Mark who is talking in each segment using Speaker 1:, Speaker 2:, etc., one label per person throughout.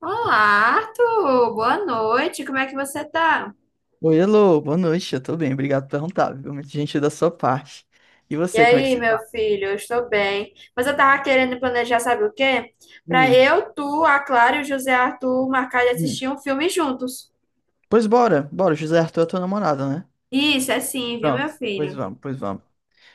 Speaker 1: Olá, Arthur! Boa noite, como é que você tá?
Speaker 2: Oi, alô, boa noite, eu tô bem, obrigado por perguntar, viu? Muito gentil da sua parte. E
Speaker 1: E
Speaker 2: você, como é que
Speaker 1: aí,
Speaker 2: você
Speaker 1: meu
Speaker 2: tá?
Speaker 1: filho, eu estou bem. Mas eu tava querendo planejar, sabe o quê? Pra
Speaker 2: Hum,
Speaker 1: eu, tu, a Clara e o José Arthur marcar de
Speaker 2: hum.
Speaker 1: assistir um filme juntos.
Speaker 2: Pois bora, bora, José Arthur é tua namorada, né?
Speaker 1: Isso, é sim, viu, meu
Speaker 2: Pronto, pois
Speaker 1: filho?
Speaker 2: vamos, pois vamos.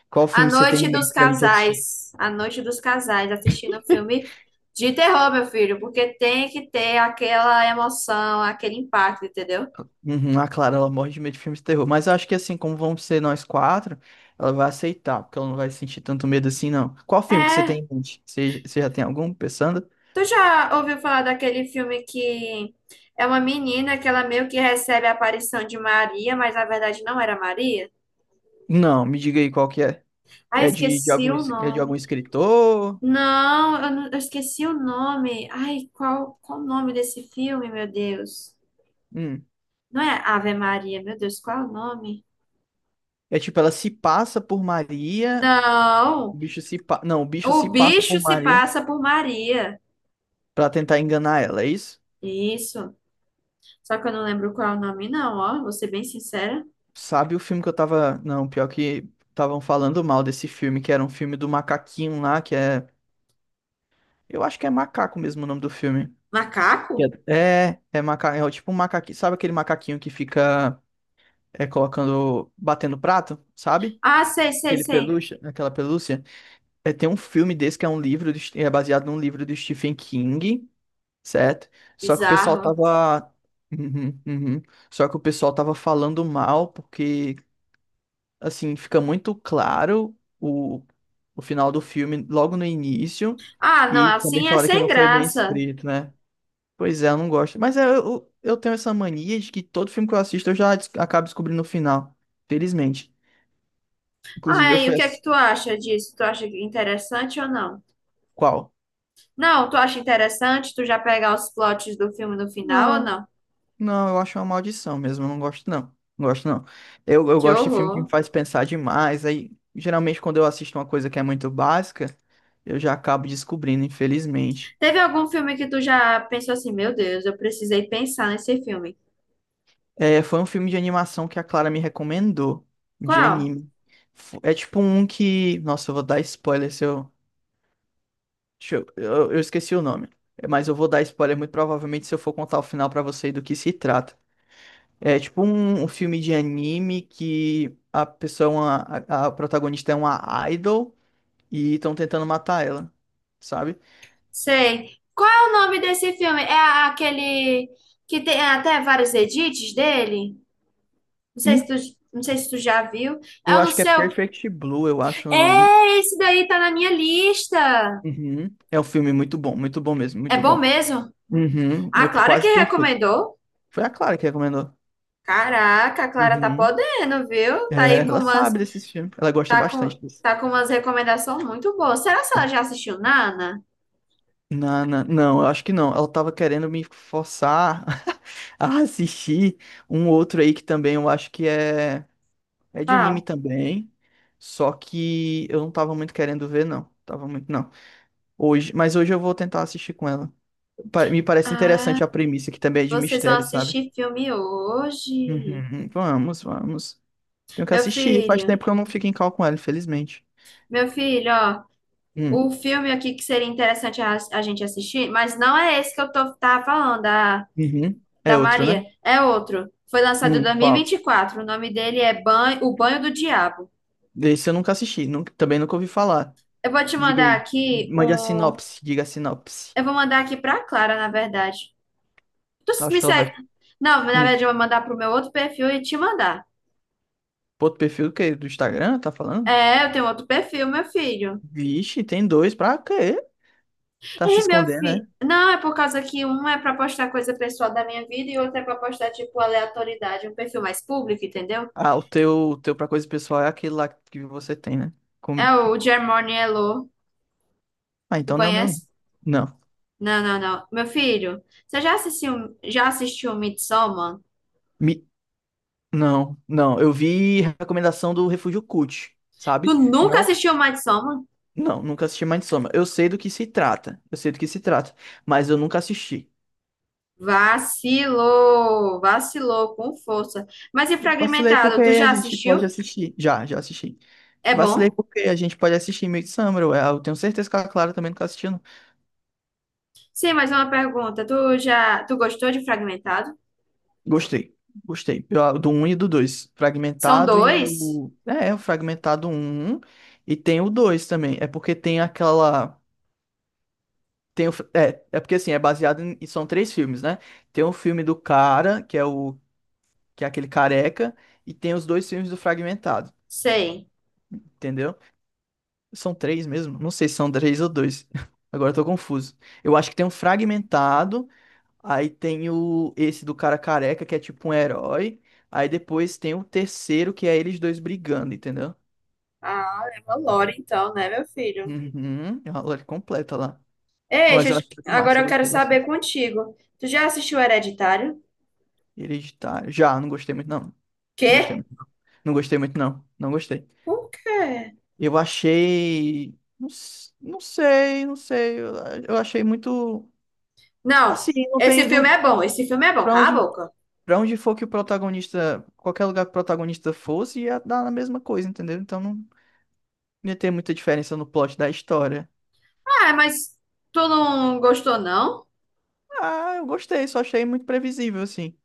Speaker 2: Qual
Speaker 1: A
Speaker 2: filme você tem em
Speaker 1: Noite dos
Speaker 2: mente pra gente assistir?
Speaker 1: Casais. A Noite dos Casais, assistindo um filme de terror, meu filho, porque tem que ter aquela emoção, aquele impacto, entendeu?
Speaker 2: Uhum, a Clara, ela morre de medo de filmes de terror, mas eu acho que assim, como vamos ser nós 4, ela vai aceitar, porque ela não vai sentir tanto medo assim, não. Qual filme que você
Speaker 1: É,
Speaker 2: tem em mente? Você já tem algum pensando?
Speaker 1: Tu já ouviu falar daquele filme que é uma menina que ela meio que recebe a aparição de Maria, mas na verdade não era Maria?
Speaker 2: Não, me diga aí qual que é.
Speaker 1: Ai,
Speaker 2: É de
Speaker 1: esqueci
Speaker 2: algum,
Speaker 1: o
Speaker 2: é de algum
Speaker 1: nome.
Speaker 2: escritor?
Speaker 1: Não, eu esqueci o nome. Ai, qual, qual o nome desse filme, meu Deus?
Speaker 2: Hum.
Speaker 1: Não é Ave Maria, meu Deus, qual é o nome?
Speaker 2: É tipo, ela se passa por Maria. O
Speaker 1: Não,
Speaker 2: bicho se pa... Não, o bicho
Speaker 1: o
Speaker 2: se passa
Speaker 1: bicho
Speaker 2: por
Speaker 1: se
Speaker 2: Maria
Speaker 1: passa por Maria.
Speaker 2: pra tentar enganar ela, é isso?
Speaker 1: Isso. Só que eu não lembro qual é o nome, não, ó. Vou ser bem sincera.
Speaker 2: Sabe o filme que eu tava. Não, pior que estavam falando mal desse filme, que era um filme do macaquinho lá, que é. Eu acho que é macaco mesmo o nome do filme. Que
Speaker 1: Macaco?
Speaker 2: é, é, é maca... é o tipo um macaquinho. Sabe aquele macaquinho que fica colocando, batendo prato, sabe?
Speaker 1: Ah, sei, sei,
Speaker 2: Aquele
Speaker 1: sei.
Speaker 2: pelúcia, aquela pelúcia. É, tem um filme desse que é um livro, do... é baseado num livro do Stephen King, certo? Só que o pessoal
Speaker 1: Bizarro.
Speaker 2: tava. Uhum, uhum. Só que o pessoal tava falando mal, porque, assim, fica muito claro o final do filme logo no início,
Speaker 1: Ah, não,
Speaker 2: e também
Speaker 1: assim é
Speaker 2: falaram que
Speaker 1: sem
Speaker 2: não foi bem
Speaker 1: graça.
Speaker 2: escrito, né? Pois é, eu não gosto. Mas é, eu tenho essa mania de que todo filme que eu assisto eu já acabo descobrindo o final, felizmente. Inclusive,
Speaker 1: Ai,
Speaker 2: eu
Speaker 1: o
Speaker 2: fui
Speaker 1: que é que
Speaker 2: assistir.
Speaker 1: tu acha disso? Tu acha interessante ou não?
Speaker 2: Qual?
Speaker 1: Não, tu acha interessante tu já pegar os plots do filme no final ou
Speaker 2: Não.
Speaker 1: não?
Speaker 2: Não, eu acho uma maldição mesmo, eu não gosto não. Não gosto não. Eu
Speaker 1: Que
Speaker 2: gosto de filme que me
Speaker 1: horror.
Speaker 2: faz pensar demais, aí geralmente quando eu assisto uma coisa que é muito básica, eu já acabo descobrindo, infelizmente.
Speaker 1: Teve algum filme que tu já pensou assim, meu Deus, eu precisei pensar nesse filme.
Speaker 2: É, foi um filme de animação que a Clara me recomendou, de
Speaker 1: Qual?
Speaker 2: anime. É tipo um que, nossa, eu vou dar spoiler se eu, deixa eu, esqueci o nome, mas eu vou dar spoiler muito provavelmente se eu for contar o final pra você do que se trata. É tipo um filme de anime que a pessoa, a protagonista é uma idol e estão tentando matar ela, sabe?
Speaker 1: Sei. Qual é o nome desse filme? Aquele que tem até vários edits dele? Não sei se tu,
Speaker 2: Hum,
Speaker 1: não sei se tu já viu. É
Speaker 2: Eu
Speaker 1: o no
Speaker 2: acho que é
Speaker 1: seu.
Speaker 2: Perfect Blue, eu acho o nome.
Speaker 1: É, esse daí tá na minha lista.
Speaker 2: Uhum. É um filme muito bom mesmo,
Speaker 1: É
Speaker 2: muito
Speaker 1: bom
Speaker 2: bom.
Speaker 1: mesmo?
Speaker 2: Uhum.
Speaker 1: A
Speaker 2: É
Speaker 1: Clara que
Speaker 2: quase perfeito.
Speaker 1: recomendou?
Speaker 2: Foi a Clara que recomendou.
Speaker 1: Caraca, a Clara tá
Speaker 2: Uhum.
Speaker 1: podendo, viu?
Speaker 2: É, ela sabe desses filmes, ela gosta
Speaker 1: Tá com,
Speaker 2: bastante disso.
Speaker 1: tá com umas recomendações muito boas. Será que ela já assistiu Nana?
Speaker 2: Não, não, não, eu acho que não. Ela tava querendo me forçar a assistir um outro aí que também eu acho que é. É de anime
Speaker 1: Ah,
Speaker 2: também, só que eu não tava muito querendo ver, não. Tava muito, não. Hoje, mas hoje eu vou tentar assistir com ela. Me parece interessante a premissa, que também é de
Speaker 1: vocês vão
Speaker 2: mistério, sabe?
Speaker 1: assistir filme hoje.
Speaker 2: Uhum, vamos, vamos. Tenho que
Speaker 1: Meu
Speaker 2: assistir. Faz
Speaker 1: filho,
Speaker 2: tempo que eu não fico em call com ela, infelizmente.
Speaker 1: meu filho, ó,
Speaker 2: Hum,
Speaker 1: o filme aqui que seria interessante a gente assistir, mas não é esse que tava falando,
Speaker 2: uhum. É
Speaker 1: da
Speaker 2: outro, né?
Speaker 1: Maria, é outro. Foi lançado em
Speaker 2: Qual?
Speaker 1: 2024, o nome dele é Banho, O Banho do Diabo.
Speaker 2: Esse eu nunca assisti, também nunca ouvi falar.
Speaker 1: Eu vou te
Speaker 2: Diga
Speaker 1: mandar
Speaker 2: aí.
Speaker 1: aqui
Speaker 2: Mande a
Speaker 1: um.
Speaker 2: sinopse, diga a sinopse.
Speaker 1: Eu vou mandar aqui pra Clara, na verdade. Tu
Speaker 2: Acho
Speaker 1: me
Speaker 2: que ela
Speaker 1: segue.
Speaker 2: vai.
Speaker 1: Não, na
Speaker 2: Hum.
Speaker 1: verdade, eu vou mandar pro meu outro perfil e te mandar.
Speaker 2: Outro perfil do quê? Do Instagram, tá falando?
Speaker 1: É, eu tenho outro perfil, meu filho.
Speaker 2: Vixe, tem dois pra quê? Tá se
Speaker 1: E meu
Speaker 2: escondendo,
Speaker 1: filho.
Speaker 2: né?
Speaker 1: Não, é por causa que um é pra postar coisa pessoal da minha vida e outro é pra postar, tipo, aleatoriedade, um perfil mais público, entendeu?
Speaker 2: Ah, o teu pra coisa pessoal é aquele lá que você tem, né? Como
Speaker 1: É
Speaker 2: que...
Speaker 1: o Germone Elo.
Speaker 2: Ah,
Speaker 1: Tu
Speaker 2: então não é o meu.
Speaker 1: conhece?
Speaker 2: Não.
Speaker 1: Não, não, não. Meu filho, você já assistiu Midsommar?
Speaker 2: Mi- Não, não. Eu vi recomendação do Refúgio Cult,
Speaker 1: Tu
Speaker 2: sabe?
Speaker 1: nunca
Speaker 2: Não,
Speaker 1: assistiu Midsommar?
Speaker 2: não, nunca assisti Soma. Eu sei do que se trata. Eu sei do que se trata, mas eu nunca assisti.
Speaker 1: Vacilou, vacilou com força. Mas e
Speaker 2: Vacilei
Speaker 1: Fragmentado,
Speaker 2: porque
Speaker 1: tu
Speaker 2: a
Speaker 1: já
Speaker 2: gente
Speaker 1: assistiu?
Speaker 2: pode assistir. Já, já assisti.
Speaker 1: É
Speaker 2: Vacilei
Speaker 1: bom?
Speaker 2: porque a gente pode assistir Midsommar. Eu tenho certeza que a Clara também nunca assistiu.
Speaker 1: Sim, mais uma pergunta. Tu gostou de Fragmentado?
Speaker 2: Gostei, gostei. Eu... do um e do 2
Speaker 1: São
Speaker 2: Fragmentado e
Speaker 1: dois?
Speaker 2: o. É, é, o Fragmentado um e tem o 2 também. É porque tem aquela. Tem o... é, é porque assim, é baseado em... e são três filmes, né? Tem o filme do cara, que é o... que é aquele careca, e tem os dois filmes do Fragmentado,
Speaker 1: Sei.
Speaker 2: entendeu? São três mesmo? Não sei se são três ou dois. Agora eu tô confuso. Eu acho que tem um Fragmentado. Aí tem o esse do cara careca, que é tipo um herói. Aí depois tem o terceiro, que é eles dois brigando, entendeu?
Speaker 1: Ah, é uma lore então, né, meu filho?
Speaker 2: Uhum, é uma lore completa lá.
Speaker 1: Ei,
Speaker 2: Mas eu acho muito
Speaker 1: agora
Speaker 2: massa, eu
Speaker 1: eu quero
Speaker 2: gostei
Speaker 1: saber
Speaker 2: bastante.
Speaker 1: contigo. Tu já assistiu Hereditário?
Speaker 2: Hereditário. Já, não gostei muito, não. Não gostei
Speaker 1: Quê?
Speaker 2: muito, não. Não gostei muito, não. Não gostei.
Speaker 1: Por quê?
Speaker 2: Eu achei. Não, não sei, não sei. Eu achei muito.
Speaker 1: Não,
Speaker 2: Assim, não
Speaker 1: esse
Speaker 2: tem.
Speaker 1: filme é
Speaker 2: Não...
Speaker 1: bom, esse filme é bom,
Speaker 2: Pra
Speaker 1: cala a
Speaker 2: onde,
Speaker 1: boca.
Speaker 2: pra onde for que o protagonista. Qualquer lugar que o protagonista fosse, ia dar a mesma coisa, entendeu? Então não. Não ia ter muita diferença no plot da história.
Speaker 1: Ah, mas tu não gostou, não?
Speaker 2: Ah, eu gostei, só achei muito previsível, assim.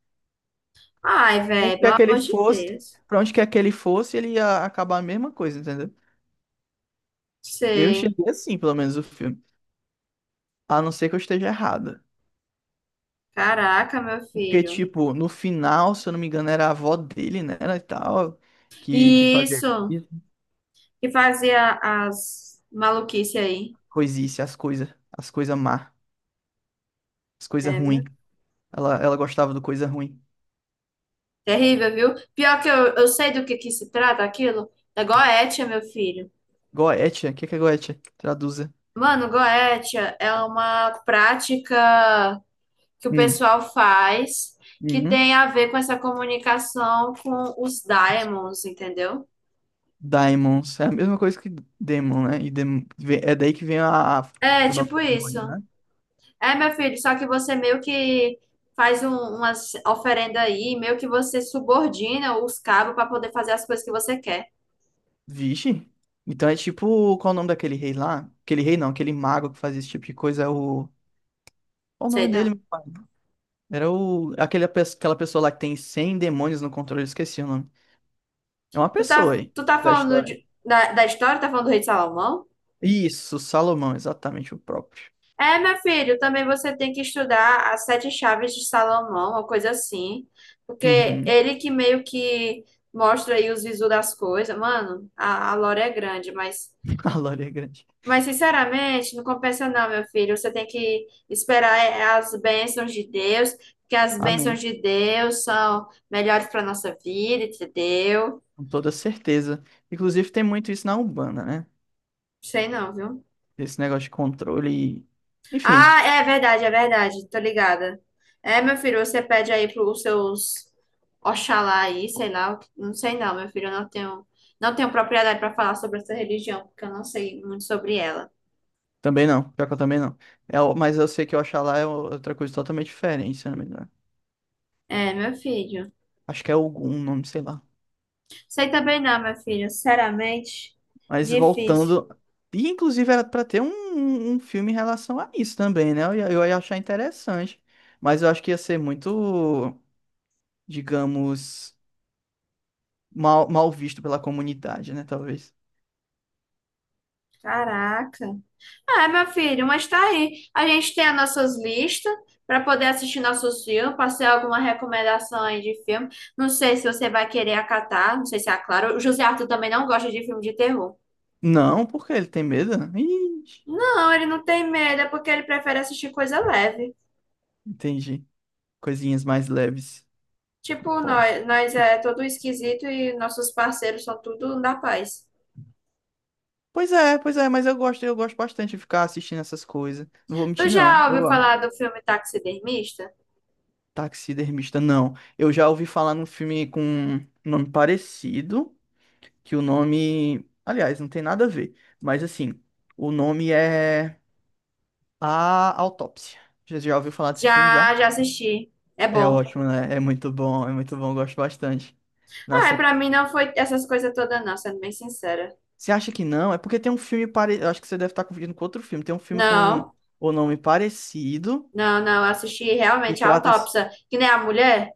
Speaker 1: Ai,
Speaker 2: Onde
Speaker 1: velho, pelo
Speaker 2: quer que ele
Speaker 1: amor de
Speaker 2: fosse,
Speaker 1: Deus.
Speaker 2: pra onde quer que ele fosse, ele ia acabar a mesma coisa, entendeu? Eu
Speaker 1: Sei.
Speaker 2: enxerguei assim, pelo menos, o filme. A não ser que eu esteja errada.
Speaker 1: Caraca, meu
Speaker 2: Porque,
Speaker 1: filho.
Speaker 2: tipo, no final, se eu não me engano, era a avó dele, né? E tal, que
Speaker 1: E
Speaker 2: fazia
Speaker 1: isso
Speaker 2: isso,
Speaker 1: que fazia as maluquices aí.
Speaker 2: coisice, as coisas má, as coisas
Speaker 1: É,
Speaker 2: ruins.
Speaker 1: viu?
Speaker 2: Ela gostava do coisa ruim.
Speaker 1: Terrível, viu? Pior que eu sei do que se trata aquilo. É goétia, meu filho.
Speaker 2: Goetia, o que que é Goetia? Traduza.
Speaker 1: Mano, goétia é uma prática que o
Speaker 2: Hum.
Speaker 1: pessoal faz que
Speaker 2: Uhum.
Speaker 1: tem a ver com essa comunicação com os daimons, entendeu?
Speaker 2: Daimons. É a mesma coisa que Demon, né? E é daí que vem
Speaker 1: É,
Speaker 2: o nome
Speaker 1: tipo
Speaker 2: do
Speaker 1: isso.
Speaker 2: demônio, né?
Speaker 1: É, meu filho, só que você meio que umas oferenda aí, meio que você subordina os cabos para poder fazer as coisas que você quer.
Speaker 2: Vixe. Então é tipo. Qual o nome daquele rei lá? Aquele rei não, aquele mago que fazia esse tipo de coisa é o. Qual o nome
Speaker 1: Sei
Speaker 2: dele,
Speaker 1: não.
Speaker 2: meu pai? Era o. Aquele, aquela pessoa lá que tem 100 demônios no controle, eu esqueci o nome. É uma pessoa aí,
Speaker 1: Tu tá
Speaker 2: da
Speaker 1: falando
Speaker 2: história.
Speaker 1: da história, tá falando do rei de Salomão?
Speaker 2: Isso, Salomão, exatamente o próprio.
Speaker 1: É, meu filho, também você tem que estudar as sete chaves de Salomão, uma coisa assim, porque
Speaker 2: Uhum.
Speaker 1: ele que meio que mostra aí os visos das coisas. Mano, a lore é grande, mas.
Speaker 2: A glória é grande.
Speaker 1: Mas, sinceramente, não compensa não, meu filho. Você tem que esperar é, as bênçãos de Deus, porque as bênçãos
Speaker 2: Amém.
Speaker 1: de Deus são melhores para nossa vida, entendeu?
Speaker 2: Com toda certeza. Inclusive tem muito isso na Umbanda, né?
Speaker 1: Sei não, viu?
Speaker 2: Esse negócio de controle e. Enfim.
Speaker 1: Ah, é verdade, é verdade. Tô ligada. É, meu filho, você pede aí pros seus Oxalá aí, sei lá. Não sei não, meu filho. Eu não tenho, não tenho propriedade para falar sobre essa religião, porque eu não sei muito sobre ela.
Speaker 2: Também não, pior que eu também não. É, mas eu sei que o Oxalá é outra coisa totalmente diferente, se eu não me engano.
Speaker 1: É, meu filho.
Speaker 2: Acho que é algum nome, sei lá.
Speaker 1: Sei também não, meu filho. Sinceramente,
Speaker 2: Mas
Speaker 1: difícil.
Speaker 2: voltando. E inclusive era pra ter um filme em relação a isso também, né? Eu ia achar interessante. Mas eu acho que ia ser muito, digamos, mal visto pela comunidade, né? Talvez.
Speaker 1: Caraca. Ah, meu filho, mas tá aí. A gente tem as nossas listas para poder assistir nossos filmes, passei alguma recomendação aí de filme. Não sei se você vai querer acatar, não sei se é claro. O José Arthur também não gosta de filme de terror.
Speaker 2: Não, porque ele tem medo? Né? Ixi,
Speaker 1: Não, ele não tem medo, é porque ele prefere assistir coisa leve.
Speaker 2: entendi. Coisinhas mais leves.
Speaker 1: Tipo,
Speaker 2: Pô.
Speaker 1: nós é todo esquisito e nossos parceiros são tudo da paz.
Speaker 2: Pois é, mas eu gosto bastante de ficar assistindo essas coisas. Não vou
Speaker 1: Tu
Speaker 2: mentir, não.
Speaker 1: já
Speaker 2: Eu
Speaker 1: ouviu
Speaker 2: amo.
Speaker 1: falar do filme Taxidermista?
Speaker 2: Taxidermista, não. Eu já ouvi falar num filme com um nome parecido, que o nome. Aliás, não tem nada a ver. Mas assim, o nome é A Autópsia. Já já ouviu falar desse filme já?
Speaker 1: Já, já assisti. É
Speaker 2: É
Speaker 1: bom.
Speaker 2: ótimo, né? É muito bom, eu gosto bastante.
Speaker 1: Ah,
Speaker 2: Nossa,
Speaker 1: pra
Speaker 2: eu...
Speaker 1: mim não foi essas coisas todas, não, sendo bem sincera.
Speaker 2: você acha que não? É porque tem um filme parecido. Acho que você deve estar confundindo com outro filme. Tem um filme com
Speaker 1: Não,
Speaker 2: o nome parecido.
Speaker 1: não, não. Eu assisti
Speaker 2: E
Speaker 1: realmente a
Speaker 2: trata.
Speaker 1: autópsia, que nem a mulher.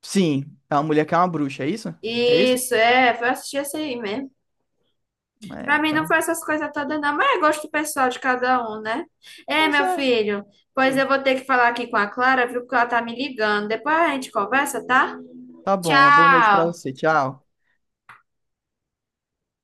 Speaker 2: Sim, é uma mulher que é uma bruxa, é isso? É isso?
Speaker 1: Isso, é, foi assistir essa aí mesmo.
Speaker 2: É,
Speaker 1: Pra mim não foi
Speaker 2: então.
Speaker 1: essas coisas todas, não, mas é gosto pessoal de cada um, né? É,
Speaker 2: Pois
Speaker 1: meu
Speaker 2: é.
Speaker 1: filho, pois eu
Speaker 2: Hum,
Speaker 1: vou ter que falar aqui com a Clara, viu? Porque ela tá me ligando. Depois a gente conversa, tá?
Speaker 2: tá bom, uma boa noite pra
Speaker 1: Tchau!
Speaker 2: você. Tchau.